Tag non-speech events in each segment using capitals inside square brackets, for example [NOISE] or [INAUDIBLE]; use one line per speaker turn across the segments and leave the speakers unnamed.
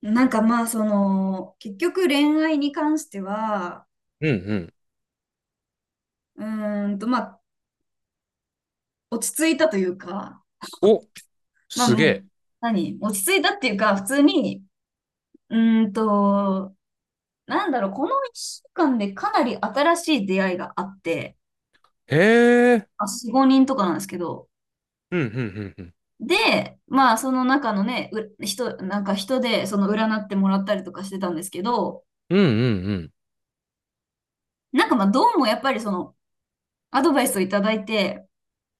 なんかまあその結局恋愛に関しては、
うんうん。
まあ落ち着いたというか、
お、
まあ
す
も
げ
う何、落ち着いたっていうか普通に、うーんとなんだろう、この1週間でかなり新しい出会いがあって、
え。へえ。
あ、4、5人とかなんですけど。
うんうんうんうん。
でまあその中のね、う人なんか人でその占ってもらったりとかしてたんですけど、
うんうん
なんかまあどうもやっぱりそのアドバイスをいただいて、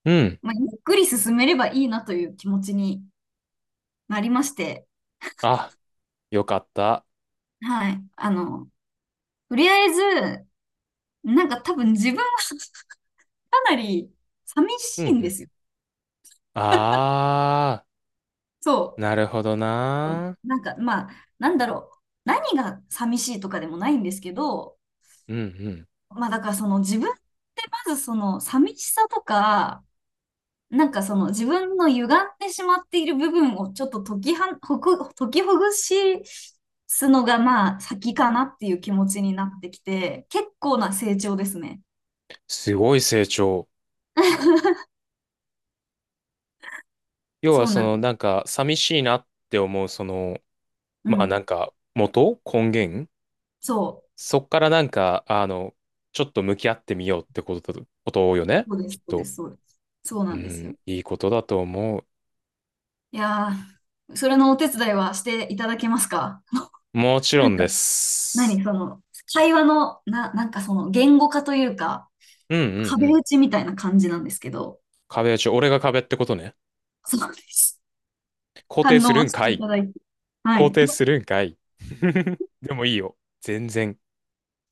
うん。うん。
まあ、ゆっくり進めればいいなという気持ちにありまして、
あ、よかった。
はい。あの、とりあえず、なんか多分自分は [LAUGHS] かなり寂
う
し
んう
いんで
ん。
すよ。
あー、
そ
なるほど
う。
な。
なんか、まあ、なんだろう。何が寂しいとかでもないんですけど、
うんうん。
まあだからその自分って、まずその寂しさとか、なんかその自分の歪んでしまっている部分をちょっと解きほぐしすのがまあ先かなっていう気持ちになってきて、結構な成長ですね。
すごい成長。
[LAUGHS]
要
そ
は
う
そ
なん
の
です。
なんか寂しいなって思うその、
う
まあなん
ん。
か元根源
そ
そっからなんか、あの、ちょっと向き合ってみようってことよね。
う。そうで
きっ
す、そうで
と。
す、そうです。そうな
う
んですよ。
ん、いいことだと思う。
いやー、それのお手伝いはしていただけますか？
もちろ
なん
んで
か、
す。
何その、会話の、なんかその、言語化というか、
うんうんう
壁
ん。
打ちみたいな感じなんですけど、
壁打ち、俺が壁ってことね。
そうです。
肯定
反
す
応
る
は
ん
し
か
てい
い。
ただいて。は
肯
い。
定するんかい。[LAUGHS] でもいいよ。全然。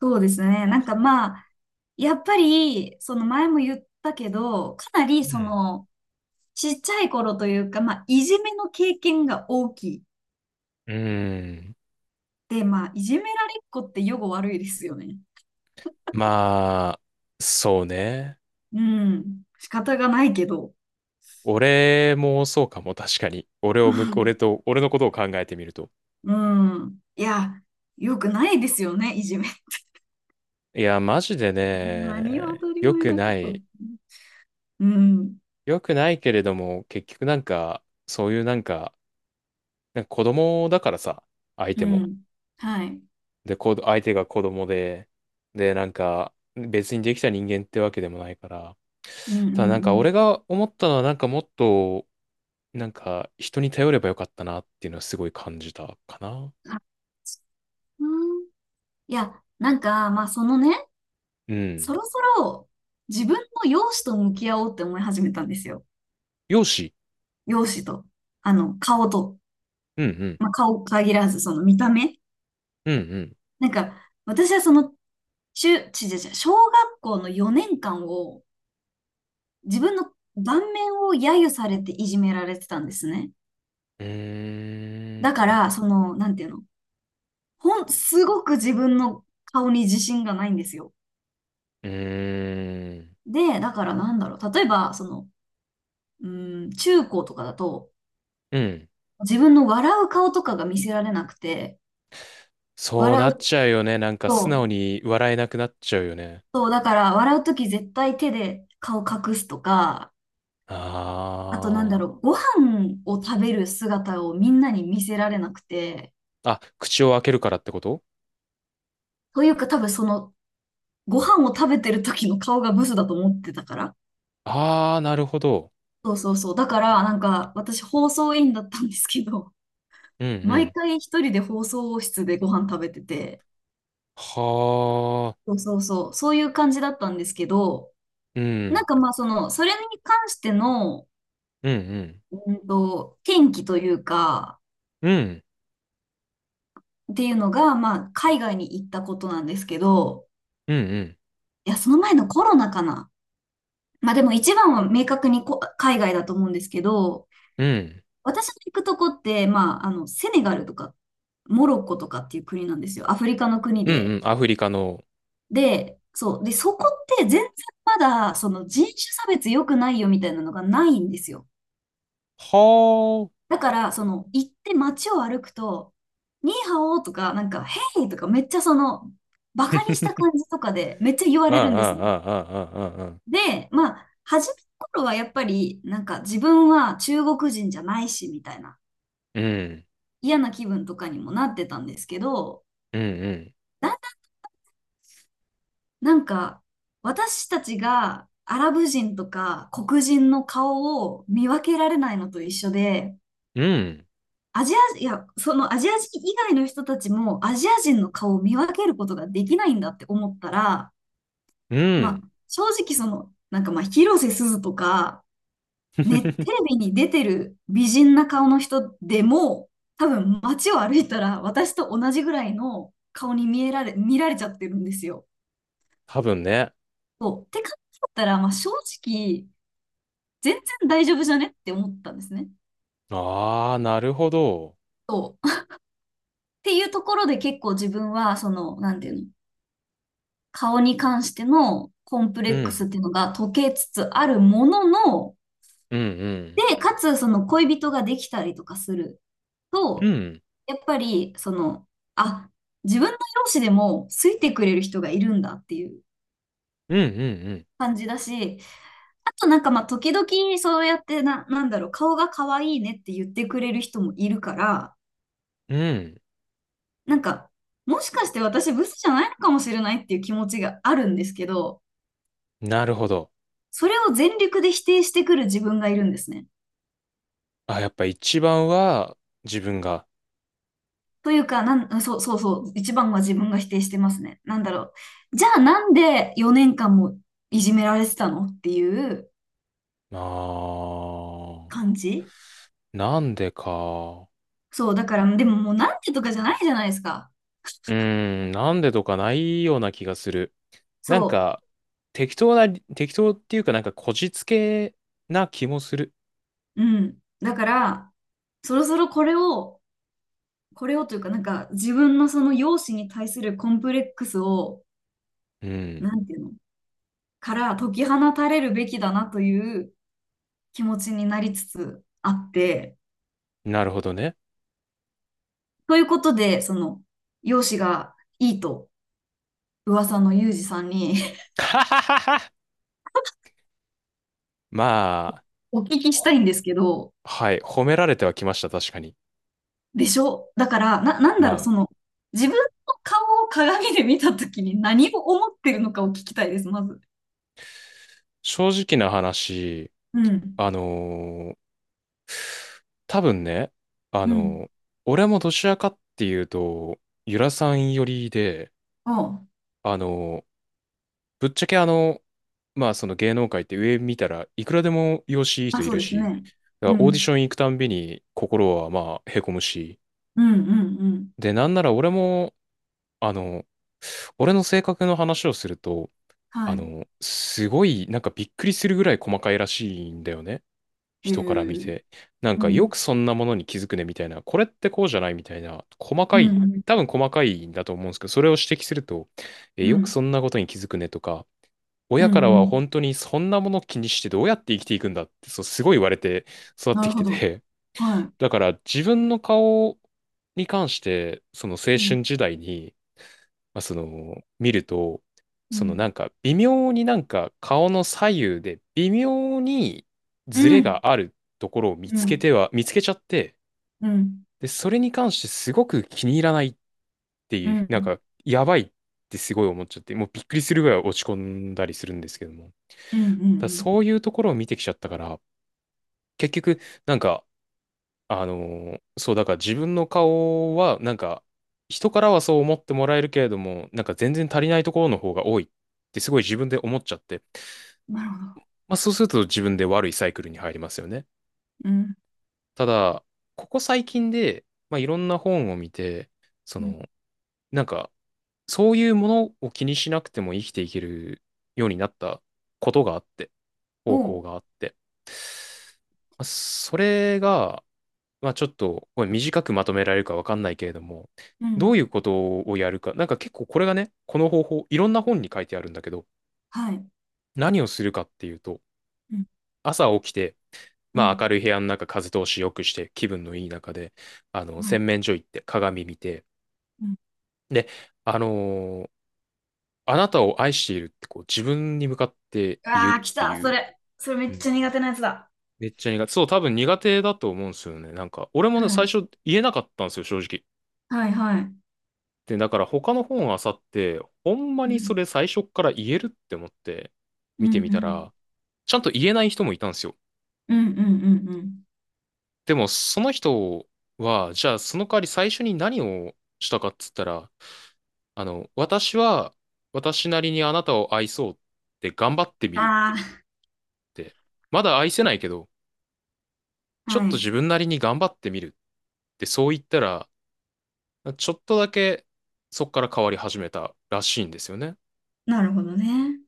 そうですね。なんかまあ、やっぱり、その前も言ったけど、かなり
う
そ
ん。
の、ちっちゃい頃というか、まあ、いじめの経験が大きい。
うーん。
で、まあ、いじめられっ子って予後悪いですよね。
まあ、そうね。
うん。仕方がないけど。
俺もそうかも、確かに。俺
う
をむ、俺
ん。
と、俺のことを考えてみると。
うん、いや、よくないですよね、いじめ。
いや、マジで
何を
ね、
当たり
良
前
く
なこ
な
と。
い。
うん。
良くないけれども、結局なんか、そういうなんか、なんか子供だからさ、相
う
手も。
ん。はい。
で、相手が子供で、で、なんか、別にできた人間ってわけでもないから、
うん、うん、
た
う
だなんか俺
ん。
が思ったのはなんかもっと、なんか人に頼ればよかったなっていうのはすごい感じたかな。
あ、うん。いや、なんか、まあ、そのね、
う
そ
ん。
ろそろ自分の容姿と向き合おうって思い始めたんですよ。
容姿。
容姿と。あの、顔と。
うんうん。
まあ、顔限らず、その見た目。
うんうん。
なんか、私はその、中、ちじゃじゃ、小学校の4年間を、自分の顔面を揶揄されていじめられてたんですね。
うー
だか
ん。
ら、その、なんていうの、すごく自分の顔に自信がないんですよ。
うーん。
で、だからなんだろう、例えば、その、うーん、中高とかだと、
うん。
自分の笑う顔とかが見せられなくて、
そうな
笑
っ
う
ちゃうよね。なんか素
と、
直に笑えなくなっちゃうよね。
そう、だから笑うとき絶対手で顔隠すとか、あとなんだ
あ
ろう、ご飯を食べる姿をみんなに見せられなくて、
あ。あ、口を開けるからってこと。
というか多分そのご飯を食べてる時の顔がブスだと思ってたから。
ああー、なるほど。
そうそうそう。だから、なんか、私、放送委員だったんですけど、
うん
[LAUGHS]
う
毎
ん。
回一人で放送室でご飯食べてて、
はあ、
そうそうそう、そういう感じだったんですけど、
う
なん
ん、
かまあ、その、それに関しての、
うん、うん、
転機というか、
うん、
っていうのが、まあ、海外に行ったことなんですけど、
うん、うん、
いや、その前のコロナかな。まあでも一番は明確に海外だと思うんですけど、
うん、
私の行くとこって、まあ、あの、セネガルとか、モロッコとかっていう国なんですよ。アフリカの国
うん、
で。
うん、アフリカの。
で、そう。で、そこって全然まだ、その人種差別良くないよみたいなのがないんですよ。
は
だから、その、行って街を歩くと、ニーハオとか、なんか、ヘイとか、めっちゃその、バカにした感じとかで、めっちゃ言
あ。[LAUGHS]
わ
ああ、あ
れ
あ、
るんですね。
ああ、ああ、ああ。
で、まあ、初めの頃はやっぱり、なんか、自分は中国人じゃないし、みたいな、
うん、
嫌な気分とかにもなってたんですけど、
うん、うん、
だなんか、私たちがアラブ人とか黒人の顔を見分けられないのと一緒で、
うん、
アジア、いや、そのアジア人以外の人たちもアジア人の顔を見分けることができないんだって思ったら、
う
まあ、
ん。
正直その、なんかまあ、広瀬すずとか、ね、テレ
[LAUGHS]
ビに出てる美人な顔の人でも、多分街を歩いたら私と同じぐらいの顔に見られちゃってるんですよ。
多分ね。
そう。って考えたら、まあ、正直、全然大丈夫じゃねって思ったんですね。
ああ、なるほど。
そう。[LAUGHS] っていうところで結構自分は、その、なんていうの、顔に関してのコンプレ
う
ックス
ん、
っていうのが解けつつあるものの、
うん、うん、
で、かつその恋人ができたりとかする
う
と、
ん、
やっぱり、その、あ、自分の容姿でも好いてくれる人がいるんだっていう
うん、うん、
感じだし、あとなんかまあ時々そうやってなんだろう、顔が可愛いねって言ってくれる人もいるから、
うん、うん。
なんか、もしかして私ブスじゃないのかもしれないっていう気持ちがあるんですけど、
なるほど。
それを全力で否定してくる自分がいるんですね。
あ、やっぱ一番は自分が。
というか、そうそうそう、一番は自分が否定してますね。なんだろう。じゃあなんで4年間もいじめられてたのっていう
ああ、
感じ。
なんでか。
そう、だから、でももうなんでとかじゃないじゃないですか。
うーん、なんでとかないような気がする。なん
そ
か、適当な、適当っていうかなんかこじつけな気もする。
う、うん。だから、そろそろこれを、これをというか、なんか自分のその容姿に対するコンプレックスを、
うん。
なんていうのから解き放たれるべきだなという気持ちになりつつあって、
なるほどね。
ということで、その、容姿がいいと噂のユージさんに
[LAUGHS] ははははまあ、
[LAUGHS] お聞きしたい
ほ
んですけど、
はい、褒められてはきました、確かに。
でしょ。だから、なん
ま
だろう、
あ、
その、自分の顔を鏡で見たときに何を思ってるのかを聞きたいです、まず。
正直な話、
うん。
あのー多分ね、あ
うん。
のー俺もどちらかっていうと、ゆらさん寄りで、
あ
あのーぶっちゃけまあその芸能界って上見たらいくらでも容姿いい
あ、あ、
人い
そう
る
です
し、
ね。
だ
う
からオーディ
ん。
ション行くたんびに心はまあへこむし、
うん、うん、うん。
で、なんなら俺も、あの、俺の性格の話をすると、
はい。
すごいなんかびっくりするぐらい細かいらしいんだよね。
へ
人から見
え。
て。なん
う
かよ
ん。
くそんなものに気づくねみたいな、これってこうじゃないみたいな、細
う
かい、
ん、う
多
ん、
分細かいんだと思うんですけど、それを指摘すると、え、
う
よくそ
ん、
んなことに気づくねとか、
うん、
親から
う
は
ん。
本当にそんなもの気にしてどうやって生きていくんだって、そう、すごい言われて育っ
な
て
る
き
ほ
て
ど。
て、
はい。
[LAUGHS] だから自分の顔に関して、その青
うん、
春時代に、まあ、見ると、
う
そのな
ん、
んか微妙になんか顔の左右で微妙に
う
ズレ
ん、
があるところを見
う
つけ
ん、
ては、見つけちゃって、
うん、
で、それに関してすごく気に入らないっって
う
いう、
ん、
な
う
ん
ん、
か、やばいってすごい思っちゃって、もうびっくりするぐらい落ち込んだりするんですけども。
うん、う
だ
ん、
そういうところを見てきちゃったから、結局、なんか、あのそう、だから自分の顔は、なんか、人からはそう思ってもらえるけれども、なんか全然足りないところの方が多いってすごい自分で思っちゃって、
なるほど。
まあそうすると自分で悪いサイクルに入りますよね。
うん、
ただ、ここ最近で、まあいろんな本を見て、そ
うん、
の、なんか、そういうものを気にしなくても生きていけるようになったことがあって、方
お
法
う、
があって。まあそれが、まあちょっとこれ短くまとめられるかわかんないけれども、
う
どう
ん、
いうことをやるか、なんか結構これがね、この方法、いろんな本に書いてあるんだけど、
はい、
何をするかっていうと、
うん、
朝起きて、
う
まあ明
ん、
るい部屋の中、風通し良くして、気分のいい中で、
は
洗
い、
面所行って、鏡見て、
うん、
で、あのーあなたを愛しているってこう自分に向かって言うっ
ああ、来
て
た、
い
そ
う。
れ。それめっ
うん。
ちゃ苦手なやつだ。
めっちゃ苦手。そう、多分苦手だと思うんですよね。なんか、俺も
は
ね、最
い、
初言えなかったんですよ、正直。
はい、はい、
で、だから他の本あさって、ほんま
う
にそ
ん、
れ最初っから言えるって思って
うん、
見
う
てみた
ん、
ら、ちゃんと言えない人もいたんですよ。
うん、うん、うん、うん、
でも、その人は、じゃあその代わり最初に何をしたかっつったら、私は私なりにあなたを愛そうって頑張ってみるっ
あ
て、まだ愛せないけど、
あ、
ちょっ
は
と自
い、
分なりに頑張ってみるってそう言ったら、ちょっとだけそこから変わり始めたらしいんですよね。
なるほどね。